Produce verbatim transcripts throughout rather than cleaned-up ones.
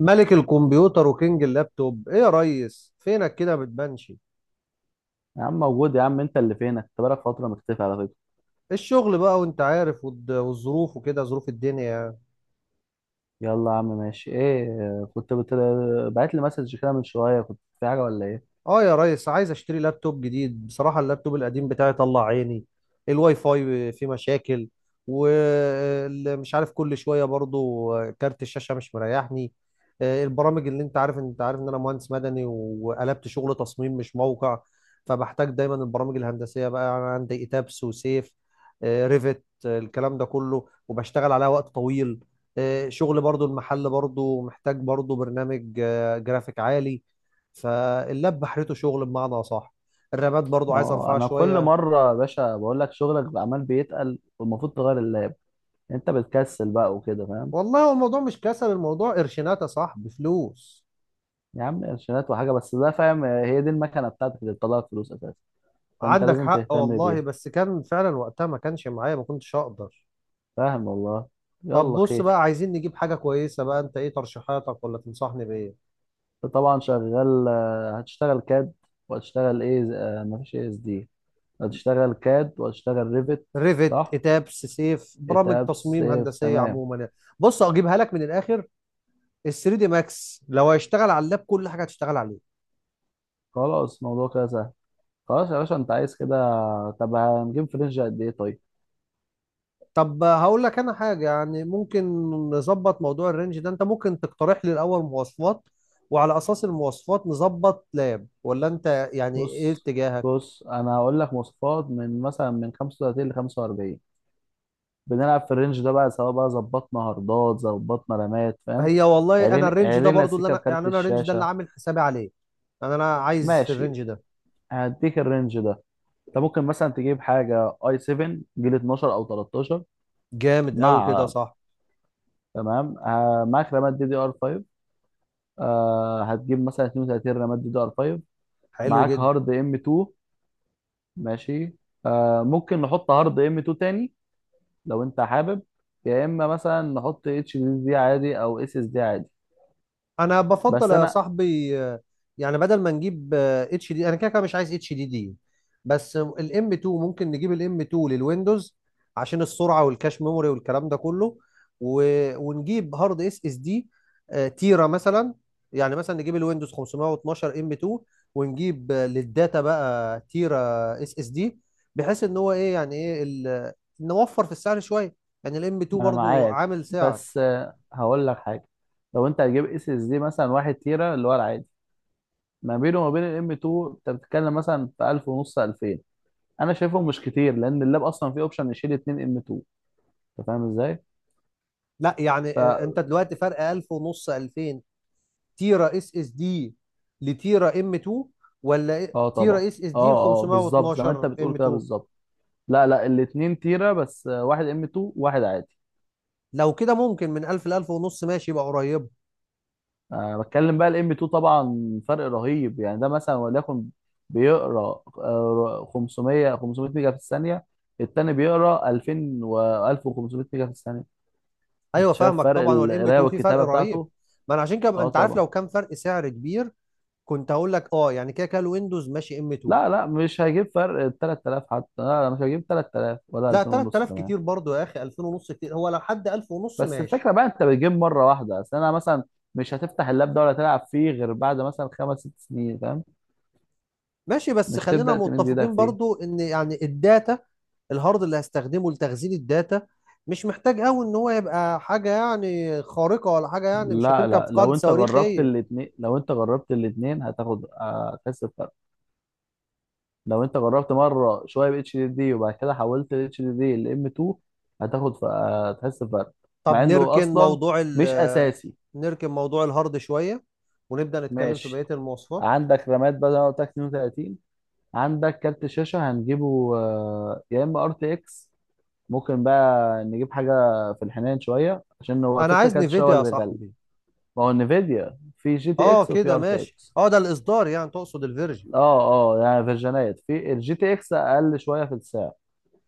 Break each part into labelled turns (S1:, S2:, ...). S1: ملك الكمبيوتر وكينج اللابتوب، ايه يا ريس؟ فينك كده ما بتبانش؟
S2: يا عم موجود، يا عم. انت اللي فينك، انت بقالك فترة مختفي على فكرة.
S1: الشغل بقى وانت عارف، والد- والظروف وكده، ظروف الدنيا يعني.
S2: يلا يا عم ماشي. ايه آه، كنت بت... بعت لي مسج كده من شوية. كنت في حاجة ولا ايه؟
S1: اه يا ريس، عايز اشتري لابتوب جديد بصراحة. اللابتوب القديم بتاعي طلع عيني. الواي فاي فيه مشاكل، ومش عارف كل شوية برضو. كارت الشاشة مش مريحني. آه، البرامج اللي انت عارف انت عارف ان انا مهندس مدني وقلبت شغل تصميم مش موقع. فبحتاج دايما البرامج الهندسية بقى. انا عندي ايتابس وسيف، آه، ريفت، آه، الكلام ده كله، وبشتغل عليها وقت طويل. آه، شغل برضو، المحل برضو محتاج برضو برنامج آه، جرافيك عالي. فاللاب بحرته شغل بمعنى اصح. الرامات برضو عايز
S2: اه
S1: ارفعها
S2: انا كل
S1: شويه.
S2: مرة يا باشا بقول لك شغلك بقى عمال بيتقل والمفروض تغير اللاب. انت بتكسل بقى وكده، فاهم؟
S1: والله هو الموضوع مش كسل، الموضوع قرشينات يا صاحبي، فلوس.
S2: يا عم قرشينات وحاجة بس ده، فاهم؟ آه، هي دي المكنة بتاعتك اللي بتطلعك فلوس اساسا، فانت
S1: عندك
S2: لازم
S1: حق
S2: تهتم
S1: والله،
S2: بيها،
S1: بس كان فعلا وقتها ما كانش معايا، ما كنتش اقدر.
S2: فاهم والله.
S1: طب
S2: يلا
S1: بص بقى،
S2: خير.
S1: عايزين نجيب حاجه كويسه بقى، انت ايه ترشيحاتك، ولا تنصحني بايه؟
S2: انت طبعا شغال، آه، هتشتغل كاد، وهتشتغل ايه، آه، مفيش اس دي. هتشتغل كاد وهتشتغل ريفت.
S1: ريفت
S2: صح،
S1: اتابس سيف، برامج
S2: كتاب
S1: تصميم
S2: سيف،
S1: هندسيه
S2: تمام.
S1: عموما يعني. بص اجيبها لك من الاخر. ال ثري دي ماكس لو هيشتغل على اللاب، كل حاجه هتشتغل عليه.
S2: خلاص الموضوع كده سهل. خلاص يا باشا انت عايز كده. طب هنجيب في رينج قد ايه طيب؟
S1: طب هقول لك انا حاجه يعني، ممكن نظبط موضوع الرينج ده. انت ممكن تقترح لي الاول مواصفات، وعلى اساس المواصفات نظبط لاب، ولا انت يعني ايه
S2: بص
S1: اتجاهك؟
S2: بص انا هقول لك مواصفات، من مثلا من خمسة وتلاتين ل خمسة واربعين، بنلعب في الرينج ده بقى، سواء بقى ظبطنا هاردات، ظبطنا رامات، فاهم.
S1: هي والله انا
S2: علينا
S1: الرينج ده
S2: علينا
S1: برضو اللي
S2: سيكا
S1: انا
S2: بكارت
S1: يعني، انا الرينج ده اللي
S2: الشاشه.
S1: عامل حسابي عليه. انا انا عايز في
S2: ماشي،
S1: الرينج ده.
S2: هديك الرينج ده. انت ممكن مثلا تجيب حاجه اي سفن، جيل اتناشر او تلتاشر.
S1: جامد قوي كده،
S2: مع
S1: صح.
S2: تمام. آه معاك رامات دي دي ار خمسة. آه، هتجيب مثلا اتنين وتلاتين رامات دي دي ار خمسة.
S1: حلو
S2: معاك
S1: جدا.
S2: هارد ام اتنين. ماشي، آه ممكن نحط هارد ام اتنين تاني لو انت حابب، يا اما مثلا نحط اتش دي دي عادي او اس اس دي عادي.
S1: انا بفضل
S2: بس
S1: يا
S2: انا
S1: صاحبي، آه، يعني بدل ما نجيب اتش دي، انا كده كده مش عايز اتش دي دي. بس الام اتنين ممكن نجيب الام اتنين للويندوز، عشان السرعه والكاش ميموري والكلام ده كله. و... ونجيب هارد اس اس دي، تيرا مثلا. يعني مثلا نجيب الويندوز خمسميه واتناشر ام اتنين، ونجيب آه، للداتا بقى تيرا اس اس دي. بحيث ان هو ايه يعني ايه ال... نوفر في السعر شويه. يعني الام اتنين
S2: انا
S1: برضو
S2: معاك،
S1: عامل سعر.
S2: بس آه هقول لك حاجه. لو انت هتجيب اس اس دي مثلا واحد تيرا، اللي هو العادي، ما بينه وما بين الام اتنين، انت بتتكلم مثلا في الف ونص الفين. انا شايفهم مش كتير لان اللاب اصلا فيه اوبشن يشيل اتنين ام اتنين، انت فاهم ازاي؟
S1: لا يعني آه، انت دلوقتي فرق الف ونص الفين، تيرا اس اس دي لتيرا ام اتنين، ولا
S2: اه
S1: إيه-
S2: طبعا.
S1: تيرا اس اس دي ل
S2: اه اه، بالظبط زي ما انت
S1: خمسميه واتناشر ام
S2: بتقول كده،
S1: اتنين؟
S2: بالظبط. لا لا، الاتنين تيرة بس، آه، واحد ام اتنين، واحد عادي.
S1: لو كده ممكن من الف ل الف ونص ماشي، يبقى قريب.
S2: أه بتكلم بقى الام اتنين، طبعا فرق رهيب. يعني ده مثلا وليكن بيقرا آه، خمسمائة خمسمائة ميجا في الثانية، التاني بيقرا الفين و الف وخمسمية ميجا في الثانية.
S1: ايوه
S2: انت شايف
S1: فاهمك،
S2: فرق
S1: طبعا هو الام
S2: القراية
S1: اتنين في فرق
S2: والكتابة
S1: رهيب.
S2: بتاعته؟
S1: ما انا عشان كده
S2: اه
S1: انت عارف،
S2: طبعا.
S1: لو كان فرق سعر كبير كنت هقول لك اه، يعني كده كده الويندوز ماشي ام اتنين.
S2: لا لا، مش هيجيب فرق تلت تلاف حتى، لا لا مش هيجيب تلت تلاف ولا
S1: لا
S2: الفين ونص
S1: تلات آلاف
S2: كمان.
S1: كتير برضو يا اخي، الفين ونص كتير، هو لو حد الف ونص
S2: بس
S1: ماشي.
S2: الفكره بقى انت بتجيب مره واحده. اصل انا مثلا مش هتفتح اللاب ده ولا تلعب فيه غير بعد مثلا خمس ست سنين، فاهم.
S1: ماشي، بس
S2: مش
S1: خلينا
S2: تبدا تمد ايدك
S1: متفقين
S2: فيه.
S1: برضو ان يعني الداتا، الهارد اللي هستخدمه لتخزين الداتا مش محتاج قوي ان هو يبقى حاجة يعني خارقة، ولا حاجة يعني، مش
S2: لا
S1: هتركب
S2: لا،
S1: في قاعدة
S2: لو انت
S1: صواريخ
S2: جربت
S1: هي.
S2: الاثنين، لو انت جربت الاثنين هتاخد، هتحس بفرق. لو انت جربت مره شويه ب اتش دي دي، وبعد كده حولت ال اتش دي دي ل ام اتنين، هتاخد ف- هتحس بفرق،
S1: طب
S2: مع انه
S1: نركن
S2: اصلا
S1: موضوع ال
S2: مش اساسي.
S1: نركن موضوع الهارد شوية، ونبدأ نتكلم في
S2: ماشي،
S1: بقية المواصفات.
S2: عندك رامات بقى زي ما قلت لك اتنين وتلاتين. عندك كارت شاشه هنجيبه، آه، يا اما ار تي اكس، ممكن بقى نجيب حاجة في الحنين شوية، عشان هو
S1: انا
S2: الفكرة
S1: عايز
S2: كانت شو
S1: نفيديا يا
S2: اللي بيغلي.
S1: صاحبي.
S2: ما هو انفيديا في جي تي
S1: اه
S2: اكس، وفي
S1: كده
S2: ار تي
S1: ماشي،
S2: اكس.
S1: اه ده الاصدار يعني، تقصد الفيرجن.
S2: اه اه، يعني فيرجنات في الجي تي اكس اقل شوية في السعر،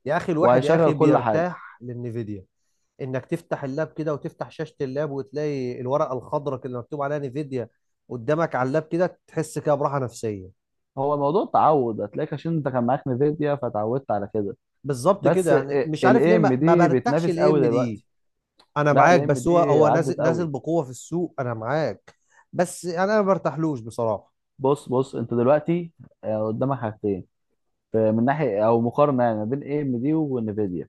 S1: يا اخي الواحد يا
S2: وهيشغل
S1: اخي
S2: كل حاجة.
S1: بيرتاح للنفيديا. انك تفتح اللاب كده وتفتح شاشة اللاب، وتلاقي الورقة الخضراء كده اللي مكتوب عليها نيفيديا قدامك على اللاب كده، تحس كده براحة نفسية.
S2: هو موضوع تعود، هتلاقيك عشان انت كان معاك نفيديا فتعودت على كده.
S1: بالظبط كده،
S2: بس
S1: يعني مش عارف ليه
S2: الاي ام
S1: ما, ما
S2: دي
S1: برتاحش
S2: بتنافس
S1: الاي
S2: قوي
S1: ام دي.
S2: دلوقتي.
S1: انا
S2: لا،
S1: معاك،
S2: الاي ام
S1: بس
S2: دي
S1: هو هو
S2: عدت
S1: نازل نازل
S2: قوي.
S1: بقوة في السوق، انا معاك. بس يعني انا ما برتاحلوش بصراحة.
S2: بص بص انت دلوقتي، آه، قدامك حاجتين. ف- من ناحية او مقارنة يعني، ما بين اي ام دي وانفيديا،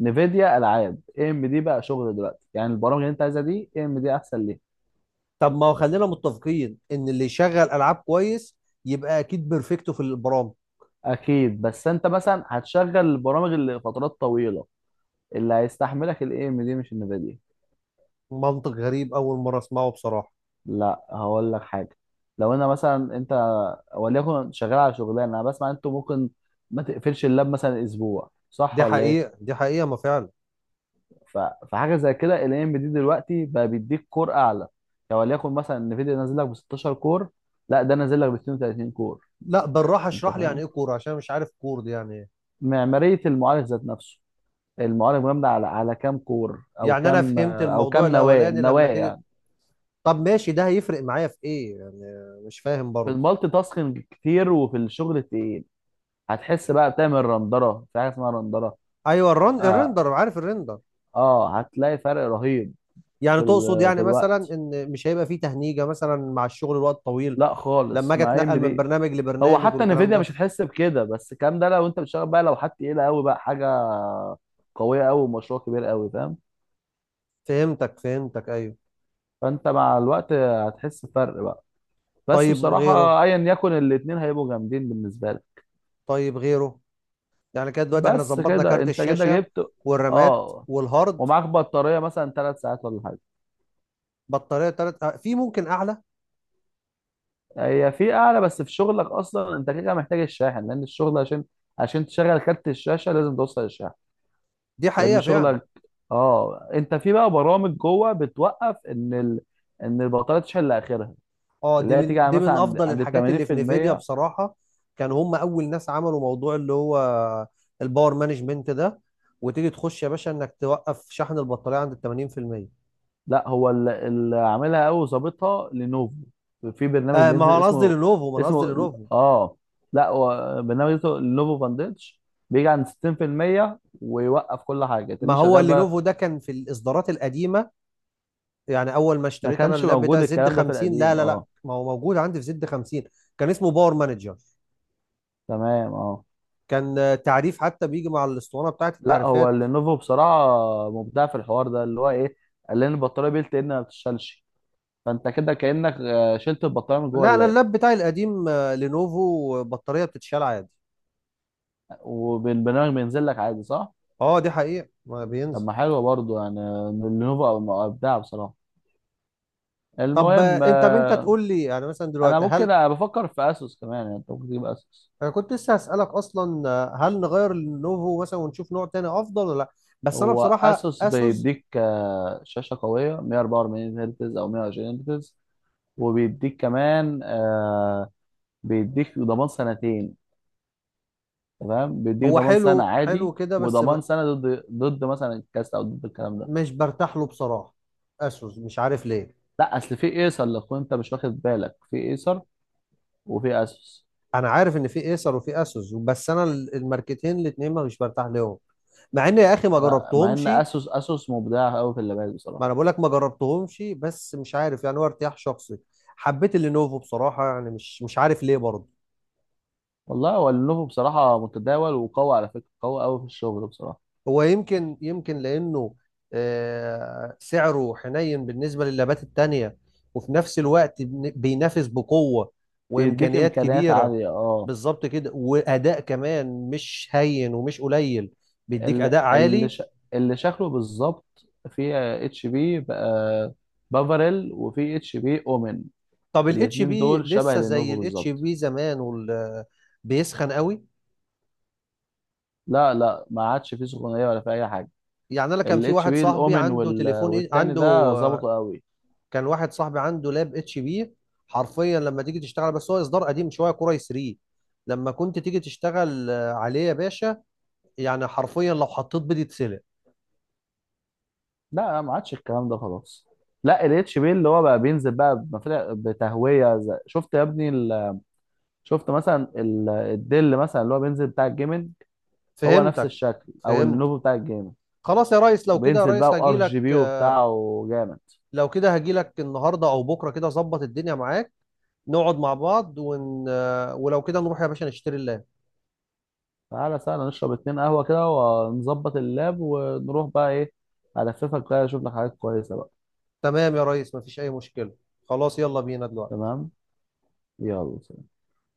S2: نفيديا العاب، اي ام دي بقى شغل دلوقتي. يعني البرامج اللي انت عايزها دي، اي ام دي احسن ليه.
S1: طب ما هو خلينا متفقين ان اللي يشغل العاب كويس يبقى اكيد بيرفكتو في البرامج.
S2: اكيد، بس انت مثلا هتشغل البرامج اللي لفترات طويله، اللي هيستحملك الاي ام دي مش النفيديا.
S1: منطق غريب، اول مرة اسمعه بصراحة.
S2: لا هقول لك حاجه، لو انا مثلا انت وليكن شغال على شغلانه، انا بسمع انتوا ممكن ما تقفلش اللاب مثلا اسبوع، صح
S1: دي
S2: ولا ايه؟
S1: حقيقة دي حقيقة ما فعلا.
S2: ف- فحاجه زي كده الاي ام دي دلوقتي بقى بيديك كور اعلى. يعني وليكن مثلا النفيديا نازل لك ب ستاشر كور، لا ده نازل لك ب اتنين وتلاتين كور.
S1: لا بالراحة
S2: انت
S1: اشرح لي يعني
S2: فاهم،
S1: ايه كور، عشان مش عارف كور دي يعني.
S2: معمارية المعالج ذات نفسه. المعالج مبني على على كام كور، او
S1: يعني انا
S2: كام،
S1: فهمت
S2: او
S1: الموضوع
S2: كام نواة
S1: الاولاني
S2: نواة
S1: لما تيجي.
S2: يعني،
S1: طب ماشي، ده هيفرق معايا في ايه يعني؟ مش فاهم
S2: في
S1: برضه.
S2: المالتي تاسكينج كتير، وفي الشغل التقيل. هتحس بقى، بتعمل رندرة، في حاجة اسمها رندرة.
S1: ايوه، الرن
S2: اه,
S1: الريندر، عارف الريندر.
S2: آه هتلاقي فرق رهيب
S1: يعني
S2: في
S1: تقصد
S2: ال... في
S1: يعني مثلا
S2: الوقت،
S1: ان مش هيبقى فيه تهنيجه مثلا مع الشغل الوقت طويل،
S2: لا
S1: لما
S2: خالص
S1: اجي
S2: مع ام
S1: اتنقل من
S2: دي.
S1: برنامج
S2: هو
S1: لبرنامج
S2: حتى
S1: والكلام
S2: نفيديا
S1: ده.
S2: مش هتحس بكده، بس الكلام ده لو انت بتشتغل بقى، لو حد تقيلة قوي بقى، حاجة قوية قوي ومشروع كبير قوي، فاهم.
S1: فهمتك فهمتك، ايوه.
S2: فانت مع الوقت هتحس بفرق بقى، بس
S1: طيب غيره.
S2: بصراحة ايا يكن، الاتنين هيبقوا جامدين بالنسبة لي.
S1: طيب غيره. يعني كده دلوقتي احنا
S2: بس
S1: ظبطنا
S2: كده
S1: كارت
S2: انت كده
S1: الشاشه
S2: جبت.
S1: والرامات
S2: اه،
S1: والهارد.
S2: ومعاك بطاريه مثلا ثلاث ساعات ولا حاجه.
S1: بطاريه تلات، آه، في ممكن اعلى.
S2: هي في اعلى، بس في شغلك اصلا انت كده محتاج الشاحن. لان الشغل، عشان عشان تشغل كارت الشاشه لازم توصل الشاحن،
S1: دي
S2: لان
S1: حقيقه فعلا.
S2: شغلك، اه انت في بقى برامج جوه بتوقف ان ال... ان البطاريه تشحن لاخرها،
S1: اه
S2: اللي
S1: دي
S2: هي
S1: من
S2: تيجي على
S1: دي
S2: مثلا
S1: من
S2: عند
S1: افضل
S2: عند ال
S1: الحاجات اللي في نيفيديا
S2: تمانين في المية.
S1: بصراحه. كانوا هم اول ناس عملوا موضوع اللي هو الباور مانجمنت ده، وتيجي تخش يا باشا انك توقف شحن البطاريه عند ال تمانين في الميه.
S2: لا هو ال- اللي عاملها قوي وظابطها لينوفو، في برنامج
S1: آه، ما هو
S2: بينزل
S1: انا قصدي
S2: اسمه،
S1: لينوفو، ما انا قصدي
S2: اسمه
S1: لينوفو.
S2: اه لا هو برنامج اسمه لينوفو فانديتش، بيجي عند ستين بالمية ويوقف. كل حاجه
S1: ما
S2: تاني
S1: هو
S2: شغال بقى.
S1: اللينوفو ده كان في الاصدارات القديمه. يعني اول ما
S2: ما
S1: اشتريت انا
S2: كانش
S1: اللاب
S2: موجود
S1: بتاع زد
S2: الكلام ده في
S1: خمسين، لا
S2: القديم،
S1: لا لا،
S2: اه.
S1: ما هو موجود عندي في زد خمسين. كان اسمه باور مانجر.
S2: تمام اه.
S1: كان آه، تعريف حتى بيجي مع الاسطوانه بتاعت
S2: لا هو
S1: التعريفات.
S2: لينوفو بصراحه مبدع في الحوار ده، اللي هو ايه، قال لنا البطاريه بيلت ان ما بتشتغلش، فانت كده كانك آه، شلت البطاريه من جوه
S1: لا انا
S2: اللاب،
S1: اللاب بتاعي القديم آه، لينوفو، بطاريه بتتشال عادي.
S2: وبالبرنامج بينزل لك عادي، صح؟
S1: اه دي حقيقة ما
S2: طب
S1: بينزل.
S2: ما حلوه برضه يعني، لينوفو ابدع بصراحه.
S1: طب آه،
S2: المهم
S1: انت انت
S2: آه،
S1: تقول لي يعني مثلا
S2: انا
S1: دلوقتي هل،
S2: ممكن، أنا بفكر في اسوس كمان، يعني انت ممكن تجيب اسوس.
S1: انا كنت لسه هسألك اصلا، آه، هل نغير النوفو مثلا ونشوف نوع تاني افضل، ولا لا. بس انا
S2: هو
S1: بصراحة
S2: اسوس
S1: اسوس،
S2: بيديك آه، شاشه قويه مية واربعة واربعين هرتز او مية وعشرين هرتز، وبيديك كمان آه، بيديك ضمان سنتين. تمام، بيديك
S1: هو
S2: ضمان سنه
S1: حلو حلو
S2: عادي
S1: كده بس ب-
S2: وضمان سنه ضد ضد مثلا الكاست، او ضد الكلام ده.
S1: مش برتاح له بصراحة، اسوس مش عارف ليه.
S2: لا اصل في ايسر لو كنت انت مش واخد بالك، في ايسر وفي اسوس.
S1: انا عارف ان في ايسر وفي اسوس، بس انا ال- الماركتين الاتنين ما مش برتاح لهم، مع ان يا اخي ما
S2: لا، مع ان
S1: جربتهمش.
S2: اسوس، اسوس مبدع قوي في اللابات
S1: ما انا
S2: بصراحه.
S1: بقول لك ما جربتهمش، بس مش عارف، يعني هو ارتياح شخصي. حبيت اللينوفو بصراحة، يعني مش مش عارف ليه برضه.
S2: والله هو لينوفو بصراحة متداول وقوي على فكرة، قوي قوي في الشغل بصراحة.
S1: هو يمكن يمكن لأنه آه، سعره حنين بالنسبة للابات التانية، وفي نفس الوقت بن- بينافس بقوة،
S2: بيديك
S1: وإمكانيات
S2: إمكانيات
S1: كبيرة.
S2: عالية اه.
S1: بالظبط كده، وأداء كمان مش هين ومش قليل، بيديك
S2: ال-
S1: أداء
S2: اللي
S1: عالي.
S2: ش... اللي شكله بالظبط في اتش بي بقى، بافاريل، وفي اتش بي اومن.
S1: طب الاتش
S2: الاتنين
S1: بي
S2: دول شبه
S1: لسه زي
S2: لينوفو
S1: الاتش
S2: بالظبط.
S1: بي زمان وال- بيسخن قوي؟
S2: لا لا، ما عادش فيه سخونية ولا في أي حاجة.
S1: يعني أنا كان في
S2: الاتش
S1: واحد
S2: بي
S1: صاحبي
S2: الاومن
S1: عنده
S2: وال...
S1: تليفون إيه-
S2: والتاني
S1: عنده،
S2: ده ظبطوا قوي.
S1: كان واحد صاحبي عنده لاب اتش بي، حرفيا لما تيجي تشتغل، بس هو اصدار قديم شويه، كور اي ثري، لما كنت تيجي تشتغل آه، عليه يا باشا، يعني حرفيا لو حطيت بيض يتسلق.
S2: لا لا، ما عادش الكلام ده خلاص. لا الاتش بي اللي هو بقى بينزل بقى بمفرق- بتهوية زي- شفت يا ابني، شفت مثلا ال- الدل مثلا، اللي هو بينزل بتاع الجيمنج، هو نفس
S1: فهمتك.
S2: الشكل او
S1: فهمت.
S2: النوفو بتاع الجيمنج،
S1: خلاص يا ريس، لو كده يا
S2: وبينزل بقى
S1: ريس
S2: وار
S1: هجيلك،
S2: جي بي
S1: آه،
S2: وبتاعه جامد.
S1: لو كده هجيلك النهارده او بكره كده، ظبط الدنيا معاك. نقعد مع بعض ون... آه، ولو كده نروح يا باشا نشتري اللاب.
S2: تعالى سهلا نشرب اتنين قهوة كده ونظبط اللاب، ونروح بقى ايه، هلففك بقى اشوف لك حاجات كويسة بقى.
S1: تمام يا ريس، مفيش اي مشكله. خلاص يلا بينا دلوقتي.
S2: تمام، يلا.